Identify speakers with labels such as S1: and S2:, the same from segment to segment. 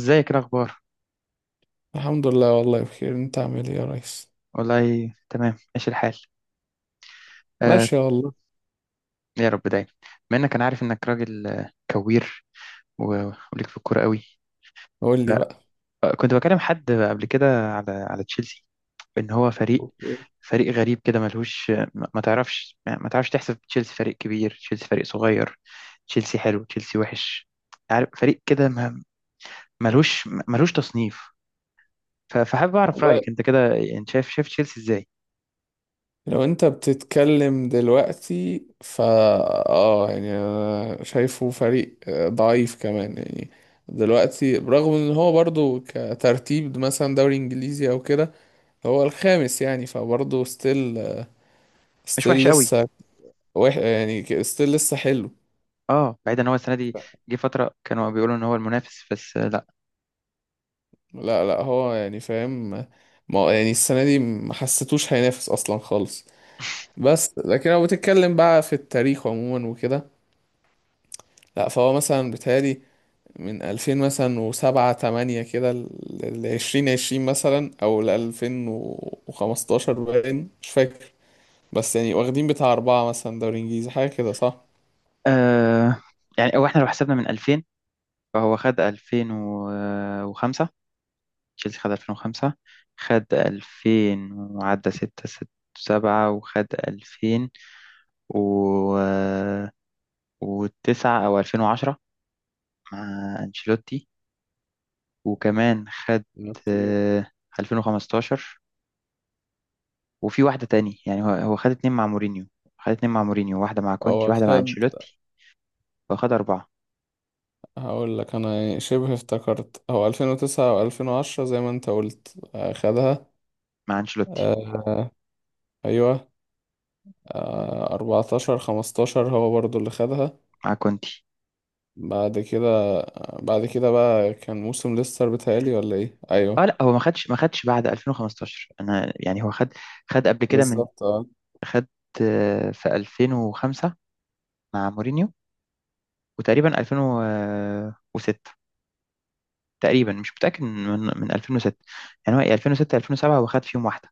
S1: ازيك، إيه الاخبار؟
S2: الحمد لله، والله بخير. انت عامل ايه يا ريس؟
S1: والله تمام، ماشي الحال. آه.
S2: ماشي والله.
S1: يا رب دايما. بما انك، انا عارف انك راجل كوير، وليك في الكوره قوي.
S2: قول لي
S1: آه،
S2: بقى.
S1: كنت بكلم حد قبل كده على تشيلسي. ان هو فريق
S2: اوكي.
S1: فريق غريب كده، ملهوش ما تعرفش. يعني ما تعرفش تحسب تشيلسي فريق كبير، تشيلسي فريق صغير، تشيلسي حلو، تشيلسي وحش. عارف، فريق كده ملهوش تصنيف. فحابب اعرف
S2: والله
S1: رايك انت كده. انت شايف تشيلسي ازاي؟
S2: لو انت بتتكلم دلوقتي اه، يعني انا شايفه فريق ضعيف كمان، يعني دلوقتي برغم ان هو برضو كترتيب مثلا دوري انجليزي او كده، هو الخامس يعني، فبرضه
S1: مش
S2: ستيل
S1: وحش قوي.
S2: لسه. يعني ستيل لسه حلو.
S1: اه، بعيد ان هو السنه دي جه فتره كانوا بيقولوا ان هو المنافس، بس لا.
S2: لا لا، هو يعني فاهم. ما يعني السنة دي ما حسيتوش هينافس اصلا خالص. بس لكن لو بتتكلم بقى في التاريخ عموما وكده، لا فهو مثلا بيتهيألي من 2000 مثلا وسبعة تمانية كده ل 2020 مثلا أو ل 2015، باين مش فاكر، بس يعني واخدين بتاع أربعة مثلا دوري إنجليزي حاجة كده، صح؟
S1: آه يعني، او احنا لو حسبنا من 2000، فهو خد 2005. تشيلسي خد 2005، خد 2000 وعدى 6، 6، 7، وخد 2000 و و9 او 2010 مع انشيلوتي. وكمان خد
S2: اوكي.
S1: آه، 2015. وفي واحده تاني، يعني هو خد اتنين مع مورينيو. خد اتنين مع مورينيو، واحده مع كونتي،
S2: هو
S1: واحده مع
S2: خد...
S1: انشيلوتي. واخد أربعة.
S2: هقول لك أنا، يعني شبه افتكرت هو 2009 و 2010 زي ما أنت قلت، خدها.
S1: مع انشيلوتي،
S2: آه، أيوه. آه 14-15 هو برضو اللي خدها
S1: مع كونتي.
S2: بعد كده. بعد كده بقى كان موسم ليستر، بيتهيألي، ولا ايه،
S1: اه
S2: ايوه.
S1: لا، هو ما خدش بعد 2015. انا يعني هو خد قبل كده من.
S2: بالظبط اه.
S1: خد في 2005 مع مورينيو، وتقريبا 2006. تقريبا مش متأكد من 2006. يعني هو 2006، 2007 هو خد فيهم واحدة.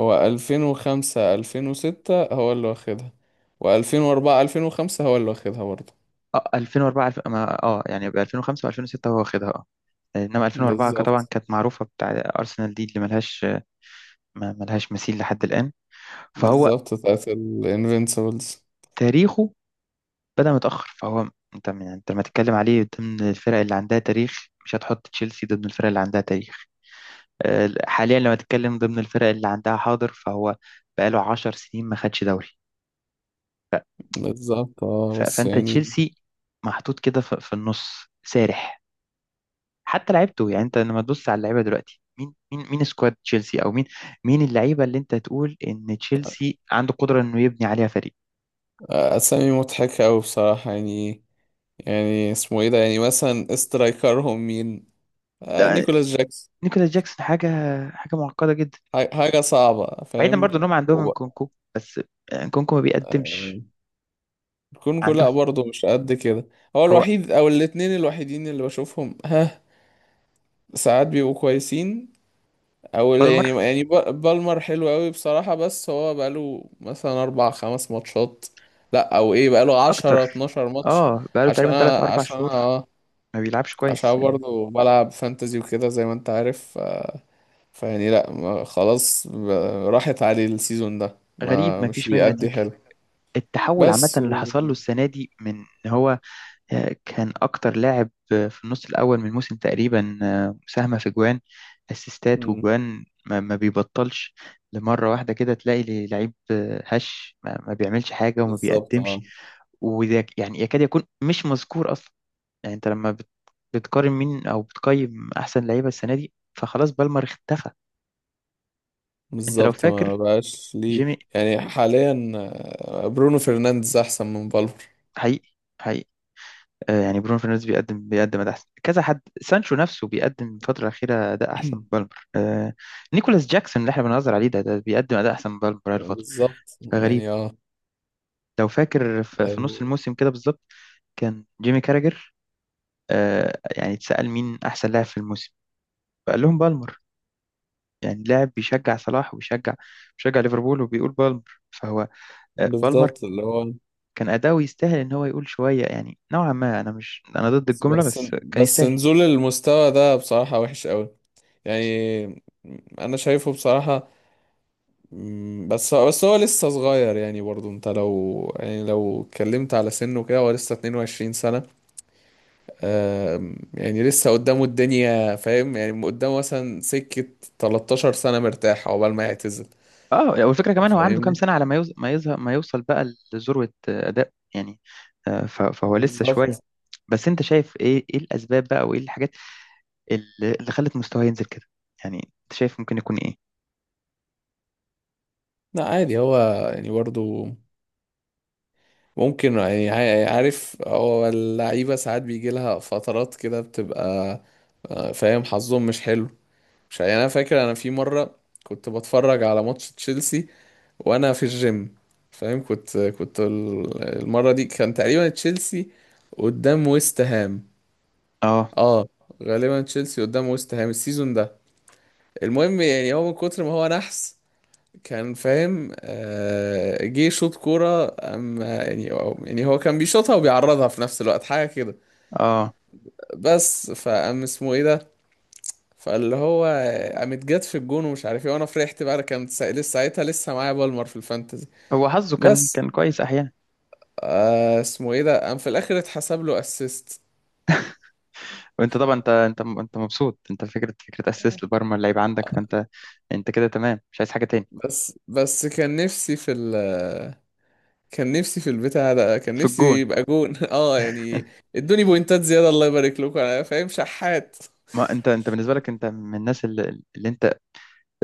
S2: هو 2005 2006 هو اللي واخدها، و2004 2005 هو اللي واخدها برضه.
S1: اه، 2004 اه يعني، ب 2005 و2006 هو واخدها. اه، انما 2004 طبعا
S2: بالظبط.
S1: كانت معروفة بتاع ارسنال دي اللي ملهاش، ملهاش مثيل لحد الآن. فهو
S2: بالظبط بتاعت الانفينسيبلز.
S1: تاريخه بدأ متأخر. فهو انت يعني، انت لما تتكلم عليه ضمن الفرق اللي عندها تاريخ، مش هتحط تشيلسي ضمن الفرق اللي عندها تاريخ. حاليا لما تتكلم ضمن الفرق اللي عندها حاضر، فهو بقاله 10 سنين ما خدش دوري.
S2: بالظبط اه، بس
S1: فانت
S2: يعني
S1: تشيلسي محطوط كده في النص سارح. حتى لعيبته، يعني انت لما تبص على اللعيبه دلوقتي، مين سكواد تشيلسي، او مين اللعيبه اللي انت تقول ان تشيلسي عنده قدره انه يبني عليها فريق؟
S2: اسامي مضحكة أوي بصراحة يعني. يعني اسمه ايه ده، يعني مثلا استرايكرهم مين؟ آه،
S1: ده-
S2: نيكولاس جاكسون.
S1: نيكولاس جاكسون، حاجه معقده جدا.
S2: حاجة صعبة،
S1: بعيدا،
S2: فاهم.
S1: برضو انهم عندهم انكونكو، بس انكونكو ما بيقدمش.
S2: بيكون كل
S1: عندهم
S2: لا برضه مش قد كده. هو
S1: هو
S2: الوحيد او الاتنين الوحيدين اللي بشوفهم، ها، ساعات بيبقوا كويسين. او لا،
S1: بالمر
S2: يعني بالمر حلو قوي بصراحة، بس هو بقاله مثلا اربع خمس ماتشات. لا او ايه، بقاله عشرة
S1: اكتر.
S2: اتناشر ماتش.
S1: اه بقاله
S2: عشان
S1: تقريبا
S2: أنا-
S1: 3 اربع شهور
S2: اه،
S1: ما بيلعبش كويس
S2: عشان
S1: يعني.
S2: برضه بلعب فانتزي وكده زي ما انت عارف، فيعني لا خلاص راحت عليه السيزون ده،
S1: غريب،
S2: ما
S1: ما
S2: مش
S1: فيش منه
S2: بيأدي
S1: نتيجه.
S2: حلو.
S1: التحول عامه
S2: بس
S1: اللي
S2: و...
S1: حصل له السنه دي، من إن هو كان اكتر لاعب في النص الاول من الموسم تقريبا، مساهمه في جوان، اسيستات
S2: مم،
S1: وجوان ما بيبطلش. لمره واحده كده تلاقي لي لعيب هش ما بيعملش حاجه وما
S2: بالظبط
S1: بيقدمش،
S2: اه.
S1: ويعني يكاد يكون مش مذكور اصلا. يعني انت لما بتقارن مين، او بتقيم احسن لعيبه السنه دي، فخلاص بالمر اختفى. انت لو
S2: بالظبط، ما
S1: فاكر
S2: بقاش ليه.
S1: جيمي.
S2: يعني حاليا برونو فرنانديز احسن من فالفر.
S1: حقيقي، حقيقي. آه يعني، برونو فرنانديز بيقدم اداء احسن كذا. حد سانشو نفسه بيقدم الفتره الاخيره اداء احسن من بالمر. آه، نيكولاس جاكسون اللي احنا بنهزر عليه ده بيقدم اداء احسن من بالمر بقاله فتره.
S2: بالظبط
S1: فغريب.
S2: يعني اه.
S1: لو فاكر في نص
S2: آه،
S1: الموسم كده بالظبط، كان جيمي كاراجر. آه يعني اتسأل، مين أحسن لاعب في الموسم؟ فقال لهم بالمر. يعني لاعب بيشجع صلاح وبيشجع، بيشجع ليفربول وبيقول بالمر. فهو بالمر
S2: بالظبط اللي هو
S1: كان أداؤه يستاهل إن هو يقول شوية. يعني نوعا ما، أنا مش، أنا ضد الجملة
S2: بس
S1: بس كان
S2: بس
S1: يستاهل.
S2: نزول المستوى ده بصراحة وحش قوي يعني. انا شايفه بصراحة. بس هو لسه صغير يعني، برضو انت لو لو اتكلمت على سنه كده، هو لسه 22 سنة. يعني لسه قدامه الدنيا، فاهم، يعني قدامه مثلا سكة 13 سنة مرتاح عقبال ما يعتزل.
S1: اه، والفكرة كمان، هو عنده كام
S2: فاهمني.
S1: سنة على ما يظهر، ما يوصل بقى لذروة أداء يعني. فهو لسه شوية.
S2: بالظبط.
S1: بس أنت شايف إيه الأسباب بقى، وإيه الحاجات اللي اللي خلت مستواه ينزل كده؟ يعني أنت شايف ممكن يكون إيه؟
S2: لا عادي هو يعني برضو ممكن يعني عارف، هو اللعيبة ساعات بيجي لها فترات كده بتبقى فاهم، حظهم مش حلو. مش يعني، أنا فاكر أنا في مرة كنت بتفرج على ماتش تشيلسي وأنا في الجيم، فاهم. كنت المرة دي كان تقريبا تشيلسي قدام ويست هام.
S1: اه،
S2: اه، غالبا تشيلسي قدام ويست هام السيزون ده. المهم يعني، هو من كتر ما هو نحس كان، فاهم، جه شوط كورة، أما يعني يعني هو كان بيشوطها وبيعرضها في نفس الوقت، حاجة كده.
S1: اه،
S2: بس فقام اسمه ايه ده، فاللي هو، قامت جت في الجون ومش عارف ايه، وانا فرحت بقى، انا كانت لسه ساعتها لسه معايا بالمر في الفانتزي.
S1: هو حظه كان
S2: بس
S1: كان كويس أحيانا.
S2: آه، اسمه ايه ده، قام في الاخر اتحسب له اسيست.
S1: وانت طبعا، انت مبسوط، انت فكره اسيست لبرمر اللعيب عندك، فانت انت كده تمام مش عايز حاجه تاني.
S2: بس كان نفسي في ال... كان نفسي في البتاع ده، كان
S1: في
S2: نفسي
S1: الجون.
S2: يبقى جون اه يعني، ادوني بوينتات زيادة، الله يبارك لكم، انا فاهم شحات.
S1: ما انت بالنسبه لك، انت من الناس اللي انت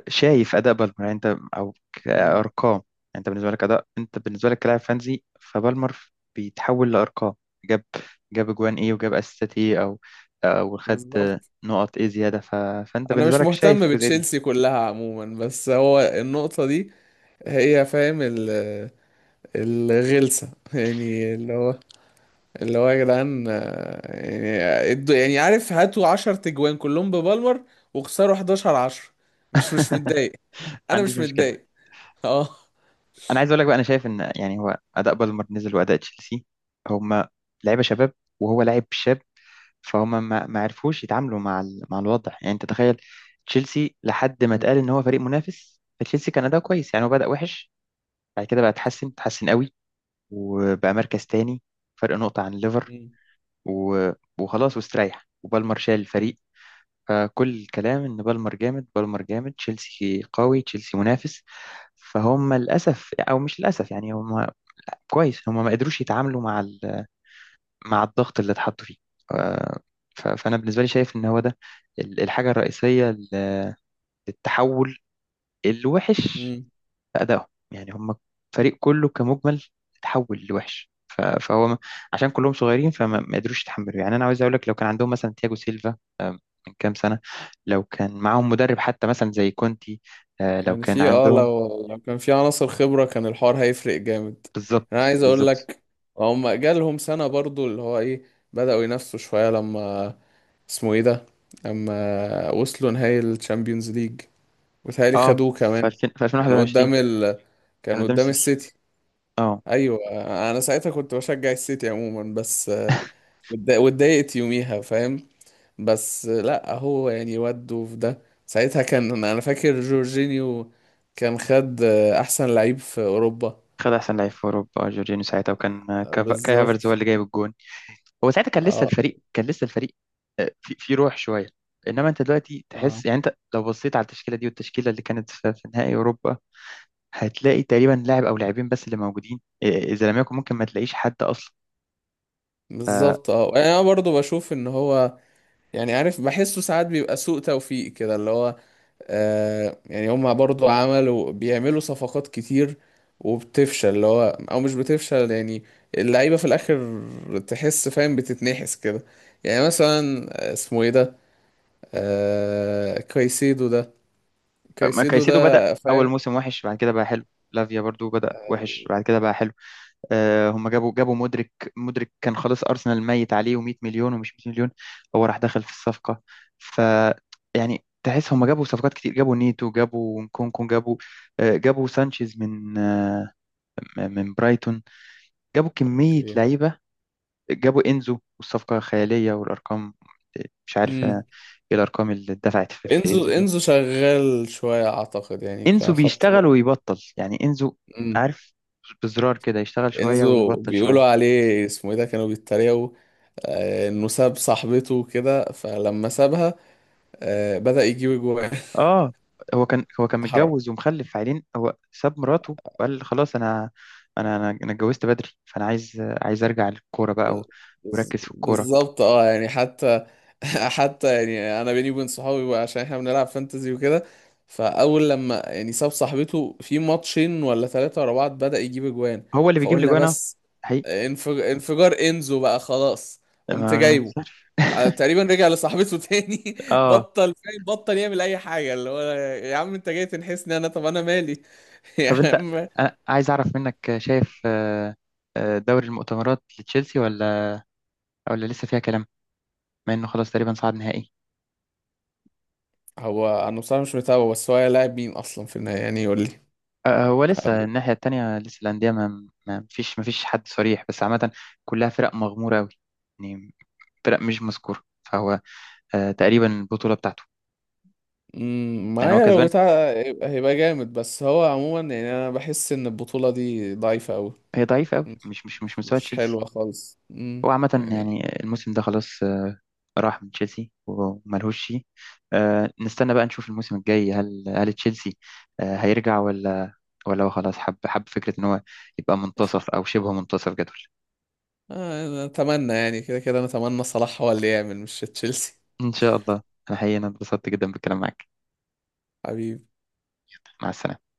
S1: شايف اداء بالمر يعني، انت او
S2: امم.
S1: كارقام يعني. انت بالنسبه لك اداء، انت بالنسبه لك كلاعب فانزي، فبالمر بيتحول لارقام. جاب، جاب اجوان ايه، وجاب اسيستات ايه، او او خد
S2: بالظبط.
S1: نقط ايه زياده. فانت
S2: انا
S1: بالنسبه
S2: مش
S1: لك شايف
S2: مهتم
S1: الجزئيه دي؟
S2: بتشيلسي كلها عموما، بس هو النقطة دي، هي، فاهم، ال الغلسة يعني، اللي هو، يا جدعان يعني يعني عارف، هاتوا 10 تجوان كلهم ببالمر، وخسروا 11-10، مش متضايق.
S1: ما
S2: انا مش
S1: عنديش مشكله.
S2: متضايق. اه.
S1: انا عايز اقول لك بقى، انا شايف ان يعني هو اداء بالمر نزل واداء تشيلسي، هما لعيبه شباب وهو لاعب شاب، فهم ما عرفوش يتعاملوا مع مع الوضع. يعني انت تخيل، تشيلسي لحد ما اتقال ان هو فريق منافس، فتشيلسي كان اداؤه كويس. يعني هو بدأ وحش، بعد كده بقى اتحسن قوي، وبقى مركز تاني، فرق نقطة عن ليفر، و... وخلاص واستريح، وبالمر شال الفريق. فكل الكلام ان بالمر جامد، بالمر جامد، تشيلسي قوي، تشيلسي منافس. فهم للاسف، او مش للاسف يعني، هم كويس، هم ما قدروش يتعاملوا مع الضغط اللي اتحط فيه. آه، فأنا بالنسبة لي شايف إن هو ده الحاجة الرئيسية للتحول الوحش
S2: امم.
S1: في أدائهم. يعني هم الفريق كله كمجمل اتحول لوحش. فهو عشان كلهم صغيرين، فما ما قدروش يتحملوا. يعني أنا عاوز أقول لك، لو كان عندهم مثلا تياجو سيلفا آه، من كام سنة، لو كان معاهم مدرب حتى مثلا زي كونتي، لو
S2: كان
S1: كان
S2: في اه،
S1: عندهم،
S2: لو كان في عناصر خبرة، كان الحوار هيفرق جامد. انا
S1: بالظبط
S2: عايز اقول
S1: بالظبط.
S2: لك، هم جالهم سنة برضو، اللي هو ايه، بدأوا ينافسوا شوية لما... اسمه ايه ده... لما وصلوا نهائي الشامبيونز ليج وتهيألي
S1: اه،
S2: خدوه
S1: في
S2: كمان،
S1: 2000، في
S2: كان
S1: 2021،
S2: قدام ال... كان
S1: كان قدام
S2: قدام
S1: السيتي.
S2: السيتي.
S1: اه،
S2: ايوه. انا ساعتها كنت بشجع السيتي عموما، بس واتضايقت يوميها، فاهم. بس لا هو يعني وده في ده ساعتها كان، انا فاكر جورجينيو كان خد احسن لعيب في اوروبا.
S1: خد احسن لعيب في اوروبا جورجينيو ساعتها، وكان كاي هافرتز هو
S2: بالظبط
S1: اللي جايب الجون. هو ساعتها كان لسه
S2: اه.
S1: الفريق، كان لسه الفريق في روح شويه. انما انت دلوقتي
S2: اه
S1: تحس، يعني انت لو بصيت على التشكيله دي، والتشكيله اللي كانت في نهائي اوروبا، هتلاقي تقريبا لاعب او لاعبين بس اللي موجودين، اذا لم يكن، ممكن ما تلاقيش حد اصلا.
S2: بالظبط اه، يعني انا برضو بشوف ان هو، يعني عارف، بحسه ساعات بيبقى سوء توفيق كده، اللي هو آه، يعني هما برضو عملوا، بيعملوا صفقات كتير وبتفشل، اللي هو او مش بتفشل يعني، اللعيبة في الاخر، تحس، فاهم، بتتنحس كده. يعني مثلا اسمه ايه ده، آه... كايسيدو ده
S1: ما
S2: كايسيدو
S1: كايسيدو بدأ
S2: ده.
S1: اول
S2: فاهم.
S1: موسم وحش، بعد كده بقى حلو. لافيا برضو بدأ وحش، بعد كده بقى حلو. هم جابوا مودريك. مودريك كان خلاص ارسنال ميت عليه، و100 مليون ومش 100 مليون، هو راح دخل في الصفقه. ف يعني تحس هم جابوا صفقات كتير. جابوا نيتو، جابوا نكونكو، جابوا سانشيز من برايتون. جابوا كميه
S2: اوكي.
S1: لعيبه. جابوا انزو والصفقه خياليه والارقام. آه، مش عارف
S2: امم.
S1: انا ايه الارقام اللي اتدفعت في انزو دي.
S2: انزو شغال شوية اعتقد يعني،
S1: انزو
S2: كخط نص.
S1: بيشتغل ويبطل يعني. انزو
S2: امم.
S1: عارف، بزرار كده يشتغل شويه
S2: انزو،
S1: ويبطل شويه.
S2: بيقولوا عليه اسمه ايه ده، كانوا بيتريقوا انه ساب صاحبته كده، فلما سابها بدأ يجيب جوان.
S1: اه، هو كان، هو كان متجوز ومخلف عيلين، هو ساب مراته وقال خلاص، انا انا انا أنا اتجوزت بدري، فانا عايز ارجع للكوره بقى وركز في الكوره.
S2: بالظبط اه، يعني حتى. حتى يعني انا بيني وبين صحابي بقى، عشان احنا بنلعب فانتزي وكده، فاول لما يعني ساب صاحبته في ماتشين ولا ثلاثة ورا بعض، بدأ يجيب اجوان.
S1: هو اللي بيجيب لي
S2: فقلنا
S1: جوانا
S2: بس،
S1: حقيقي،
S2: انفجار انزو بقى خلاص،
S1: ما
S2: قمت
S1: عارف.
S2: جايبه. تقريبا رجع لصاحبته تاني،
S1: اه.
S2: بطل، فاهم، بطل يعمل اي حاجة، اللي هو يا عم انت جاي تنحسني انا، طب انا مالي! يا
S1: طب انت،
S2: عم.
S1: أنا عايز اعرف منك، شايف دوري المؤتمرات لتشيلسي، ولا ولا لسه فيها كلام؟ مع انه خلاص تقريبا صعد نهائي.
S2: هو انا بصراحة مش متابعه، بس هو لاعب مين اصلا في النهاية، يعني يقول
S1: هو لسه
S2: لي.
S1: الناحيه التانيه، لسه الانديه ما فيش حد صريح، بس عامه كلها فرق مغموره قوي، فرق مش مذكورة. فهو تقريبا البطولة بتاعته يعني هو
S2: معايا لو
S1: كسبان.
S2: بتاع هيبقى جامد، بس هو عموما يعني انا بحس ان البطولة دي ضعيفة قوي.
S1: هي ضعيفة قوي،
S2: مش
S1: مش مستوى
S2: مش
S1: تشيلسي.
S2: حلوة خالص.
S1: هو عامة
S2: يعني
S1: يعني الموسم ده خلاص، راح من تشيلسي وملهوش شيء. نستنى بقى نشوف الموسم الجاي، هل تشيلسي هيرجع، ولا، ولا هو خلاص حب، فكرة ان هو يبقى منتصف او شبه منتصف جدول.
S2: انا اتمنى يعني كده كده انا اتمنى صلاح هو اللي يعمل مش تشيلسي.
S1: ان شاء الله. انا حقيقة، أنا اتبسطت جدا بالكلام معاك.
S2: حبيبي.
S1: مع السلامة.